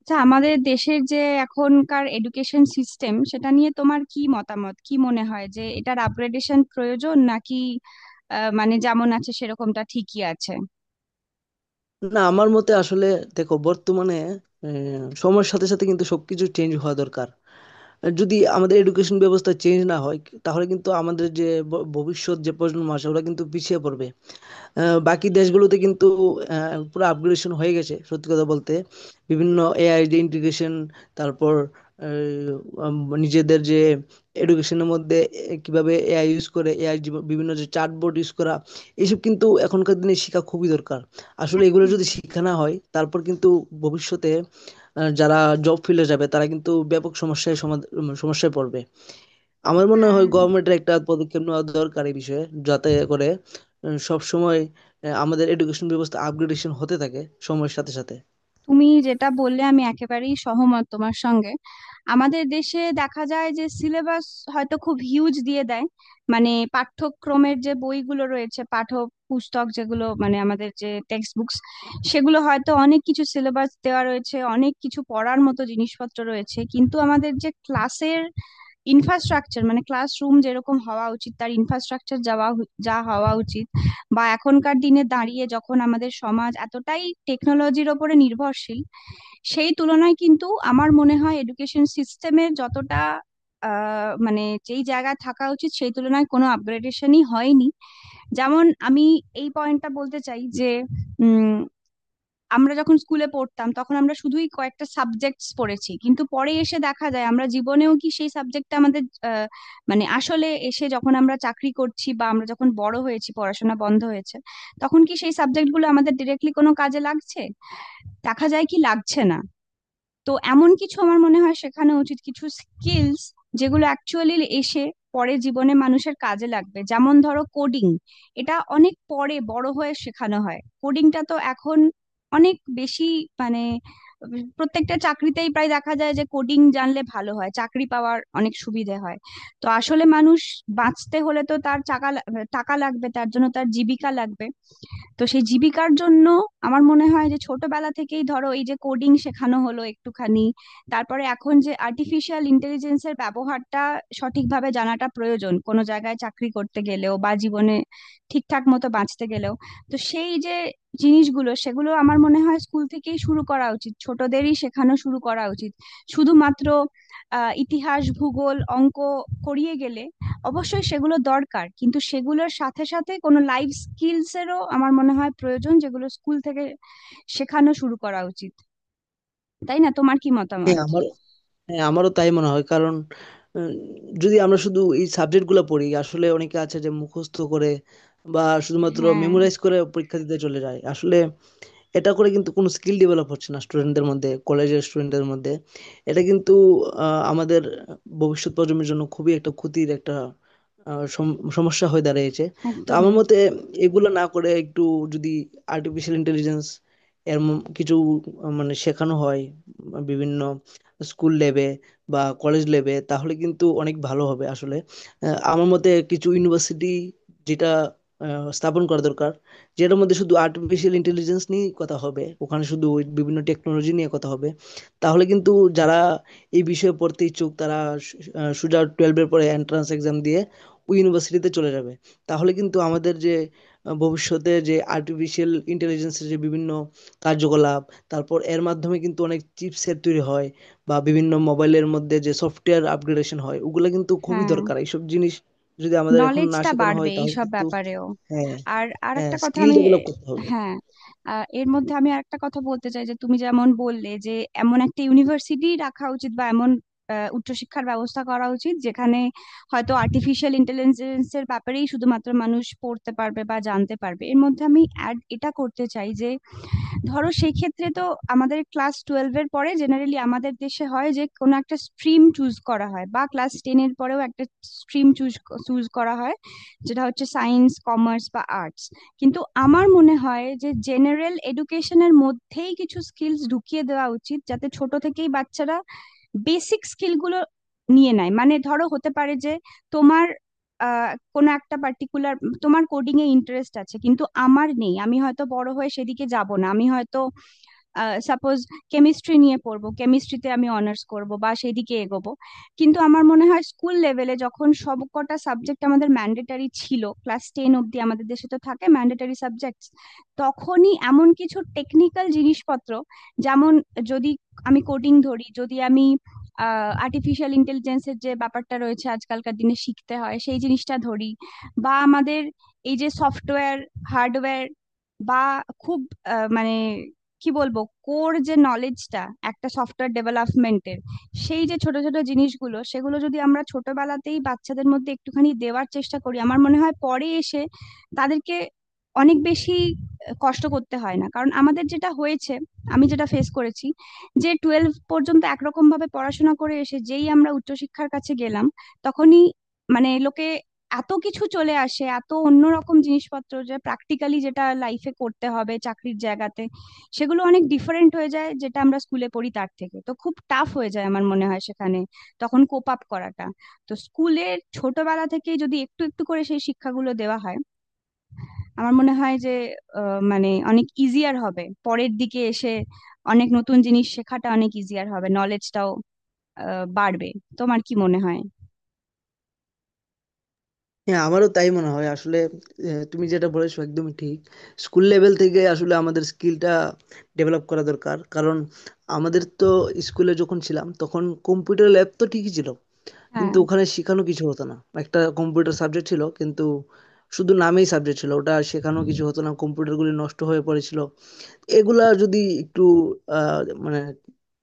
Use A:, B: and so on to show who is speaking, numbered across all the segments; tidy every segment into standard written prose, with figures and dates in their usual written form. A: আচ্ছা, আমাদের দেশের যে এখনকার এডুকেশন সিস্টেম সেটা নিয়ে তোমার কি মতামত? কি মনে হয় যে এটার আপগ্রেডেশন প্রয়োজন, নাকি মানে যেমন আছে সেরকমটা ঠিকই আছে?
B: না আমার মতে আসলে দেখো বর্তমানে সময়ের সাথে সাথে কিন্তু সবকিছু চেঞ্জ হওয়া দরকার। আর যদি আমাদের এডুকেশন ব্যবস্থা চেঞ্জ না হয়, তাহলে কিন্তু আমাদের যে ভবিষ্যৎ যে প্রজন্ম আসে ওরা কিন্তু পিছিয়ে পড়বে। বাকি দেশগুলোতে কিন্তু পুরো আপগ্রেডেশন হয়ে গেছে সত্যি কথা বলতে। বিভিন্ন এআই যে ইন্টিগ্রেশন, তারপর আহ, উম, নিজেদের যে এডুকেশনের মধ্যে কিভাবে এআই ইউজ করে, এআই বিভিন্ন যে চার্টবোর্ড ইউজ করা, এইসব কিন্তু এখনকার দিনে শেখা খুবই দরকার। আসলে এগুলো
A: হুম।
B: যদি শিক্ষা না হয় তারপর কিন্তু ভবিষ্যতে যারা জব ফিল্ডে যাবে তারা কিন্তু ব্যাপক সমস্যায় সমস্যায় পড়বে। আমার মনে
A: হ্যাঁ,
B: হয় গভর্নমেন্টের একটা পদক্ষেপ নেওয়া দরকার এই বিষয়ে, যাতে করে সব সময় আমাদের এডুকেশন ব্যবস্থা আপগ্রেডেশন হতে থাকে সময়ের সাথে সাথে।
A: তুমি যেটা বললে আমি একেবারেই সহমত তোমার সঙ্গে। আমাদের দেশে দেখা যায় যে সিলেবাস হয়তো খুব হিউজ দিয়ে দেয়, মানে পাঠ্যক্রমের যে বইগুলো রয়েছে, পাঠ্য পুস্তক যেগুলো, মানে আমাদের যে টেক্সট বুকস, সেগুলো হয়তো অনেক কিছু সিলেবাস দেওয়া রয়েছে, অনেক কিছু পড়ার মতো জিনিসপত্র রয়েছে, কিন্তু আমাদের যে ক্লাসের ইনফ্রাস্ট্রাকচার, মানে ক্লাসরুম যেরকম হওয়া উচিত, তার ইনফ্রাস্ট্রাকচার যাওয়া যা হওয়া উচিত, বা এখনকার দিনে দাঁড়িয়ে যখন আমাদের সমাজ এতটাই টেকনোলজির ওপরে নির্ভরশীল, সেই তুলনায় কিন্তু আমার মনে হয় এডুকেশন সিস্টেমের যতটা মানে যেই জায়গায় থাকা উচিত সেই তুলনায় কোনো আপগ্রেডেশনই হয়নি। যেমন আমি এই পয়েন্টটা বলতে চাই যে উম আমরা যখন স্কুলে পড়তাম তখন আমরা শুধুই কয়েকটা সাবজেক্টস পড়েছি, কিন্তু পরে এসে দেখা যায় আমরা জীবনেও কি সেই সাবজেক্টটা আমাদের আহ, মানে আসলে এসে যখন আমরা চাকরি করছি বা আমরা যখন বড় হয়েছি, পড়াশোনা বন্ধ হয়েছে, তখন কি সেই সাবজেক্টগুলো আমাদের ডিরেক্টলি কোনো কাজে লাগছে? দেখা যায় কি লাগছে না। তো এমন কিছু আমার মনে হয় শেখানো উচিত, কিছু স্কিলস যেগুলো অ্যাকচুয়ালি এসে পরে জীবনে মানুষের কাজে লাগবে। যেমন ধরো কোডিং, এটা অনেক পরে বড় হয়ে শেখানো হয়। কোডিংটা তো এখন অনেক বেশি মানে প্রত্যেকটা চাকরিতেই প্রায় দেখা যায় যে কোডিং জানলে ভালো হয়, চাকরি পাওয়ার অনেক সুবিধে হয়। তো আসলে মানুষ বাঁচতে হলে তো তার টাকা টাকা লাগবে, তার জন্য তার জীবিকা লাগবে। তো সেই জীবিকার জন্য আমার মনে হয় যে ছোটবেলা থেকেই ধরো এই যে কোডিং শেখানো হলো একটুখানি, তারপরে এখন যে আর্টিফিশিয়াল ইন্টেলিজেন্সের ব্যবহারটা সঠিকভাবে জানাটা প্রয়োজন, কোনো জায়গায় চাকরি করতে গেলেও বা জীবনে ঠিকঠাক মতো বাঁচতে গেলেও। তো সেই যে জিনিসগুলো সেগুলো আমার মনে হয় স্কুল থেকেই শুরু করা উচিত, ছোটদেরই শেখানো শুরু করা উচিত। শুধুমাত্র ইতিহাস, ভূগোল, অঙ্ক করিয়ে গেলে, অবশ্যই সেগুলো দরকার, কিন্তু সেগুলোর সাথে সাথে কোনো লাইফ স্কিলস এরও আমার মনে হয় প্রয়োজন, যেগুলো স্কুল থেকে শেখানো শুরু করা উচিত। তাই না, তোমার কি
B: হ্যাঁ
A: মতামত?
B: আমার হ্যাঁ, আমারও তাই মনে হয়। কারণ উম, যদি আমরা শুধু এই সাবজেক্টগুলো পড়ি, আসলে অনেকে আছে যে মুখস্থ করে বা শুধুমাত্র
A: হ্যাঁ,
B: মেমোরাইজ করে পরীক্ষা দিতে চলে যায়। আসলে এটা করে কিন্তু কোনো স্কিল ডেভেলপ হচ্ছে না স্টুডেন্টদের মধ্যে, কলেজের স্টুডেন্টদের মধ্যে। এটা কিন্তু আমাদের ভবিষ্যৎ প্রজন্মের জন্য খুবই একটা ক্ষতির একটা সমস্যা হয়ে দাঁড়িয়েছে। তো
A: একদমই।
B: আমার মতে এগুলো না করে একটু যদি আর্টিফিশিয়াল ইন্টেলিজেন্স এর কিছু মানে শেখানো হয় বিভিন্ন স্কুল লেভে বা কলেজ লেভে, তাহলে কিন্তু অনেক ভালো হবে আসলে। আমার মতে কিছু ইউনিভার্সিটি যেটা স্থাপন করা দরকার, যেটার মধ্যে শুধু আর্টিফিশিয়াল ইন্টেলিজেন্স নিয়েই কথা হবে, ওখানে শুধু ওই বিভিন্ন টেকনোলজি নিয়ে কথা হবে। তাহলে কিন্তু যারা এই বিষয়ে পড়তে ইচ্ছুক তারা সোজা টুয়েলভের পরে এন্ট্রান্স এক্সাম দিয়ে ওই ইউনিভার্সিটিতে চলে যাবে। তাহলে কিন্তু আমাদের যে ভবিষ্যতে যে আর্টিফিশিয়াল ইন্টেলিজেন্সের যে বিভিন্ন কার্যকলাপ, তারপর এর মাধ্যমে কিন্তু অনেক চিপসেট তৈরি হয় বা বিভিন্ন মোবাইলের মধ্যে যে সফটওয়্যার আপগ্রেডেশন হয়, ওগুলো কিন্তু খুবই
A: হ্যাঁ,
B: দরকার এইসব জিনিস যদি আমাদের এখন না
A: নলেজটা
B: শেখানো
A: বাড়বে
B: হয় তাহলে
A: এইসব
B: কিন্তু।
A: ব্যাপারেও।
B: হ্যাঁ,
A: আর আর
B: হ্যাঁ
A: একটা কথা
B: স্কিল
A: আমি
B: ডেভেলপ করতে হবে।
A: হ্যাঁ এর মধ্যে আমি আরেকটা কথা বলতে চাই যে তুমি যেমন বললে যে এমন একটা ইউনিভার্সিটি রাখা উচিত বা এমন উচ্চশিক্ষার ব্যবস্থা করা উচিত যেখানে হয়তো আর্টিফিশিয়াল ইন্টেলিজেন্সের ব্যাপারেই শুধুমাত্র মানুষ পড়তে পারবে বা জানতে পারবে। এর মধ্যে আমি অ্যাড এটা করতে চাই যে ধরো সেই ক্ষেত্রে তো আমাদের ক্লাস টুয়েলভ এর পরে জেনারেলি আমাদের দেশে হয় যে কোনো একটা স্ট্রিম চুজ করা হয়, বা ক্লাস টেন এর পরেও একটা স্ট্রিম চুজ চুজ করা হয়, যেটা হচ্ছে সায়েন্স, কমার্স বা আর্টস। কিন্তু আমার মনে হয় যে জেনারেল এডুকেশনের মধ্যেই কিছু স্কিলস ঢুকিয়ে দেওয়া উচিত, যাতে ছোট থেকেই বাচ্চারা বেসিক স্কিলগুলো নিয়ে নেয়। মানে ধরো হতে পারে যে তোমার কোনো একটা পার্টিকুলার তোমার কোডিং এ ইন্টারেস্ট আছে, কিন্তু আমার নেই, আমি হয়তো বড় হয়ে সেদিকে যাব না, আমি হয়তো সাপোজ কেমিস্ট্রি নিয়ে পড়বো, কেমিস্ট্রিতে আমি অনার্স করব বা সেই দিকে এগোবো। কিন্তু আমার মনে হয় স্কুল লেভেলে যখন সবকটা সাবজেক্ট আমাদের ম্যান্ডেটারি ছিল, ক্লাস টেন অব্দি আমাদের দেশে তো থাকে ম্যান্ডেটারি সাবজেক্ট, তখনই এমন কিছু টেকনিক্যাল জিনিসপত্র যেমন যদি আমি কোডিং ধরি, যদি আমি আর্টিফিশিয়াল ইন্টেলিজেন্সের যে ব্যাপারটা রয়েছে আজকালকার দিনে শিখতে হয় সেই জিনিসটা ধরি, বা আমাদের এই যে সফটওয়্যার, হার্ডওয়্যার বা খুব মানে কি বলবো, কোর যে নলেজটা একটা সফটওয়্যার ডেভেলপমেন্টের, সেই যে ছোট ছোট জিনিসগুলো সেগুলো যদি আমরা ছোটবেলাতেই বাচ্চাদের মধ্যে একটুখানি দেওয়ার চেষ্টা করি, আমার মনে হয় পরে এসে তাদেরকে অনেক বেশি কষ্ট করতে হয় না। কারণ আমাদের যেটা হয়েছে, আমি যেটা ফেস করেছি, যে টুয়েলভ পর্যন্ত একরকম ভাবে পড়াশোনা করে এসে যেই আমরা উচ্চশিক্ষার কাছে গেলাম, তখনই মানে লোকে এত কিছু চলে আসে, এত অন্যরকম জিনিসপত্র যে প্র্যাকটিক্যালি যেটা লাইফে করতে হবে চাকরির জায়গাতে, সেগুলো অনেক ডিফারেন্ট হয়ে যায় যেটা আমরা স্কুলে পড়ি তার থেকে, তো খুব টাফ হয়ে যায় আমার মনে হয় সেখানে তখন কোপ আপ করাটা। তো স্কুলের ছোটবেলা থেকে যদি একটু একটু করে সেই শিক্ষাগুলো দেওয়া হয় আমার মনে হয় যে মানে অনেক ইজিয়ার হবে পরের দিকে এসে, অনেক নতুন জিনিস শেখাটা অনেক ইজিয়ার হবে, নলেজটাও বাড়বে। তোমার কি মনে হয়?
B: হ্যাঁ, আমারও তাই মনে হয় আসলে। তুমি যেটা বলেছো একদমই ঠিক। স্কুল লেভেল থেকে আসলে আমাদের স্কিলটা ডেভেলপ করা দরকার, কারণ আমাদের তো স্কুলে যখন ছিলাম তখন কম্পিউটার ল্যাব তো ঠিকই ছিল,
A: হ্যাঁ,
B: কিন্তু ওখানে শেখানো কিছু হতো না। একটা কম্পিউটার সাবজেক্ট ছিল, কিন্তু শুধু নামেই সাবজেক্ট ছিল, ওটা শেখানো কিছু হতো না, কম্পিউটারগুলি নষ্ট হয়ে পড়েছিল। এগুলা যদি একটু আহ, মানে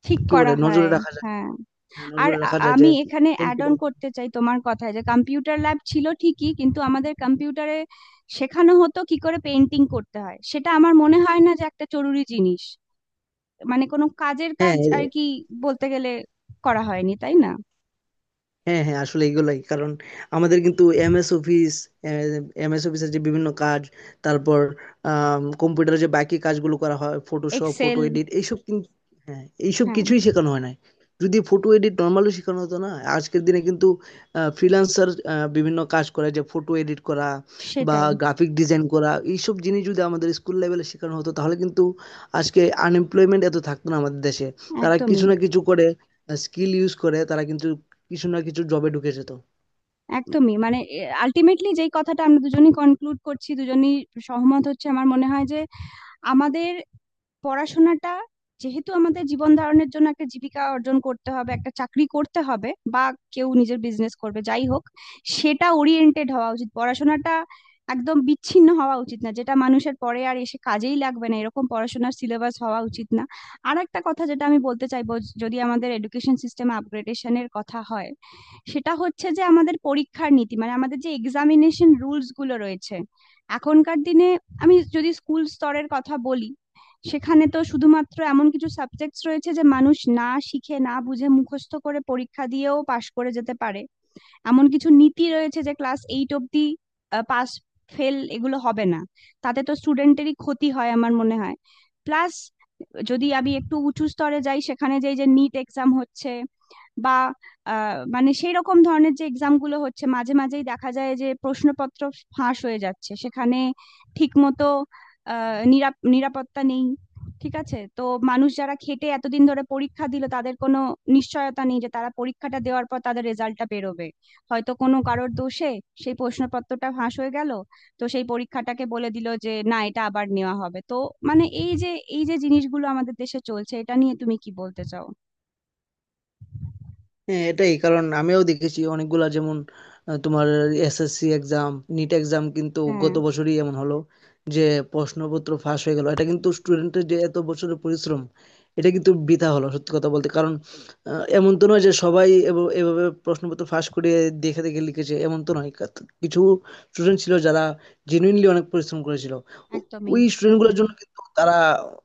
A: ঠিক
B: কি বলে,
A: করা হয়।
B: নজরে রাখা যায়।
A: হ্যাঁ,
B: হ্যাঁ,
A: আর
B: নজরে রাখা যায় যে
A: আমি এখানে অ্যাড অন
B: কম্পিউটার।
A: করতে চাই তোমার কথায় যে কম্পিউটার ল্যাব ছিল ঠিকই, কিন্তু আমাদের কম্পিউটারে শেখানো হতো কি করে পেন্টিং করতে হয়, সেটা আমার মনে হয় না যে একটা জরুরি জিনিস। মানে কোনো কাজের কাজ
B: হ্যাঁ
A: আর কি বলতে গেলে করা হয়নি, তাই না?
B: হ্যাঁ হ্যাঁ আসলে এগুলাই কারণ। আমাদের কিন্তু এমএস অফিসের যে বিভিন্ন কাজ, তারপর কম্পিউটারে যে বাকি কাজগুলো করা হয়, ফটোশপ,
A: এক্সেল।
B: ফটো এডিট, এইসব কিন্তু হ্যাঁ এইসব
A: হ্যাঁ,
B: কিছুই শেখানো হয় না। যদি ফটো এডিট নর্মালি শেখানো হতো না, আজকের দিনে কিন্তু ফ্রিল্যান্সার বিভিন্ন কাজ করে যে ফটো এডিট করা বা
A: সেটাই।
B: গ্রাফিক ডিজাইন করা, এইসব জিনিস যদি আমাদের স্কুল লেভেলে শেখানো হতো তাহলে কিন্তু আজকে আনএমপ্লয়মেন্ট এত থাকতো না আমাদের দেশে। তারা
A: একদমই।
B: কিছু না কিছু করে স্কিল ইউজ করে, তারা কিন্তু কিছু না কিছু জবে ঢুকেছে তো।
A: একদমই মানে আলটিমেটলি যেই কথাটা আমরা দুজনই কনক্লুড করছি, দুজনই সহমত হচ্ছে আমার মনে হয় যে আমাদের পড়াশোনাটা, যেহেতু আমাদের জীবন ধারণের জন্য একটা জীবিকা অর্জন করতে হবে, একটা চাকরি করতে হবে বা কেউ নিজের বিজনেস করবে যাই হোক, সেটা ওরিয়েন্টেড হওয়া উচিত পড়াশোনাটা। একদম বিচ্ছিন্ন হওয়া উচিত না যেটা মানুষের পরে আর এসে কাজেই লাগবে না, এরকম পড়াশোনার সিলেবাস হওয়া উচিত না। আর একটা কথা যেটা আমি বলতে চাইবো, যদি আমাদের এডুকেশন সিস্টেম আপগ্রেডেশনের কথা হয়, সেটা হচ্ছে যে আমাদের পরীক্ষার নীতি, মানে আমাদের যে এক্সামিনেশন রুলস গুলো রয়েছে এখনকার দিনে। আমি যদি স্কুল স্তরের কথা বলি, সেখানে তো শুধুমাত্র এমন কিছু সাবজেক্টস রয়েছে যে মানুষ না শিখে না বুঝে মুখস্থ করে পরীক্ষা দিয়েও পাশ করে যেতে পারে। এমন কিছু নীতি রয়েছে যে ক্লাস এইট অব্দি পাস ফেল এগুলো হবে না, তাতে তো স্টুডেন্টেরই ক্ষতি হয় আমার মনে হয়। প্লাস যদি আমি একটু উঁচু স্তরে যাই, সেখানে যে যে নিট এক্সাম হচ্ছে বা মানে সেই রকম ধরনের যে এক্সাম গুলো হচ্ছে, মাঝে মাঝেই দেখা যায় যে প্রশ্নপত্র ফাঁস হয়ে যাচ্ছে সেখানে, ঠিক মতো নিরাপত্তা নেই ঠিক আছে তো। মানুষ যারা খেটে এতদিন ধরে পরীক্ষা দিল তাদের কোনো নিশ্চয়তা নেই যে তারা পরীক্ষাটা দেওয়ার পর তাদের রেজাল্টটা বেরোবে, হয়তো কোনো কারোর দোষে সেই প্রশ্নপত্রটা ফাঁস হয়ে গেল, তো সেই পরীক্ষাটাকে বলে দিল যে না এটা আবার নেওয়া হবে। তো মানে এই যে জিনিসগুলো আমাদের দেশে চলছে এটা নিয়ে তুমি কি বলতে চাও?
B: হ্যাঁ, এটাই কারণ, আমিও দেখেছি অনেকগুলা, যেমন তোমার এসএসসি এক্সাম, নিট এক্সাম কিন্তু
A: হ্যাঁ,
B: গত বছরই এমন হলো যে প্রশ্নপত্র ফাঁস হয়ে গেল। এটা কিন্তু স্টুডেন্টের যে এত বছরের পরিশ্রম, এটা কিন্তু বৃথা হলো সত্যি কথা বলতে। কারণ এমন তো নয় যে সবাই এভাবে প্রশ্নপত্র ফাঁস করে দেখে দেখে লিখেছে, এমন তো নয়। কিছু স্টুডেন্ট ছিল যারা জেনুইনলি অনেক পরিশ্রম করেছিল। ও-
A: একদমই।
B: ওই স্টুডেন্টগুলোর জন্য কিন্তু তারা,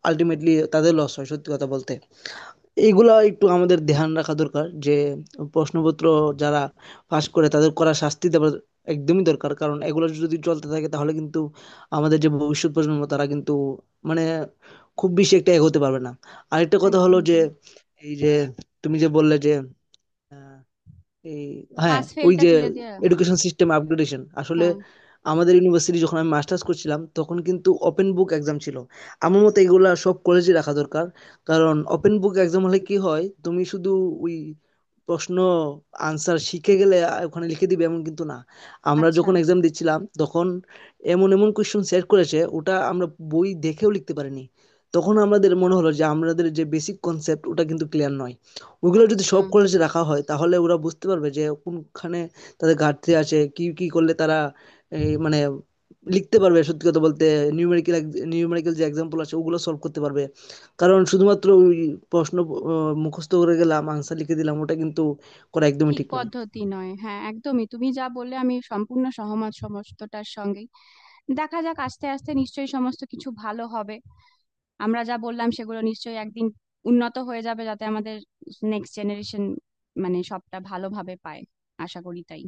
B: আলটিমেটলি তাদের লস হয় সত্যি কথা বলতে। এগুলা একটু আমাদের ধ্যান রাখা দরকার যে প্রশ্নপত্র যারা পাস করে তাদের কড়া শাস্তি দেওয়া একদমই দরকার। কারণ এগুলো যদি চলতে থাকে তাহলে কিন্তু আমাদের যে ভবিষ্যৎ প্রজন্ম তারা কিন্তু মানে খুব বেশি একটা এগোতে পারবে না। আরেকটা কথা হলো
A: একদমই
B: যে
A: তাই।
B: এই যে তুমি যে বললে যে আহ, এই হ্যাঁ,
A: পাস
B: ওই
A: ফেলটা
B: যে
A: তুলে দেওয়া।
B: এডুকেশন সিস্টেম আপগ্রেডেশন আসলে
A: হ্যাঁ।
B: আমাদের ইউনিভার্সিটি যখন আমি মাস্টার্স করছিলাম তখন কিন্তু ওপেন বুক এক্সাম ছিল। আমার মতে এগুলা সব কলেজে রাখা দরকার। কারণ ওপেন বুক এক্সাম হলে কি হয়, তুমি শুধু ওই প্রশ্ন আনসার শিখে গেলে ওখানে লিখে দিবে, এমন কিন্তু না। আমরা
A: আচ্ছা।
B: যখন এক্সাম দিচ্ছিলাম তখন এমন এমন কোয়েশ্চন সেট করেছে, ওটা আমরা বই দেখেও লিখতে পারিনি। তখন আমাদের মনে হলো যে আমাদের যে বেসিক কনসেপ্ট ওটা কিন্তু ক্লিয়ার নয়। ওগুলো যদি
A: আচ্ছা।
B: সব কলেজে রাখা হয় তাহলে ওরা বুঝতে পারবে যে কোনখানে তাদের ঘাটতি আছে, কি কি করলে তারা এই মানে লিখতে পারবে সত্যি কথা বলতে। নিউমেরিক্যাল নিউমেরিক্যাল যে এক্সাম্পল আছে ওগুলো সলভ করতে পারবে। কারণ শুধুমাত্র ওই প্রশ্ন মুখস্থ করে গেলাম আনসার লিখে দিলাম ওটা কিন্তু করা একদমই
A: ঠিক
B: ঠিক নয়।
A: পদ্ধতি নয়, হ্যাঁ একদমই, তুমি যা বললে আমি সম্পূর্ণ সহমত সমস্তটার সঙ্গেই। দেখা যাক, আস্তে আস্তে নিশ্চয়ই সমস্ত কিছু ভালো হবে, আমরা যা বললাম সেগুলো নিশ্চয়ই একদিন উন্নত হয়ে যাবে, যাতে আমাদের নেক্সট জেনারেশন মানে সবটা ভালোভাবে পায়। আশা করি তাই।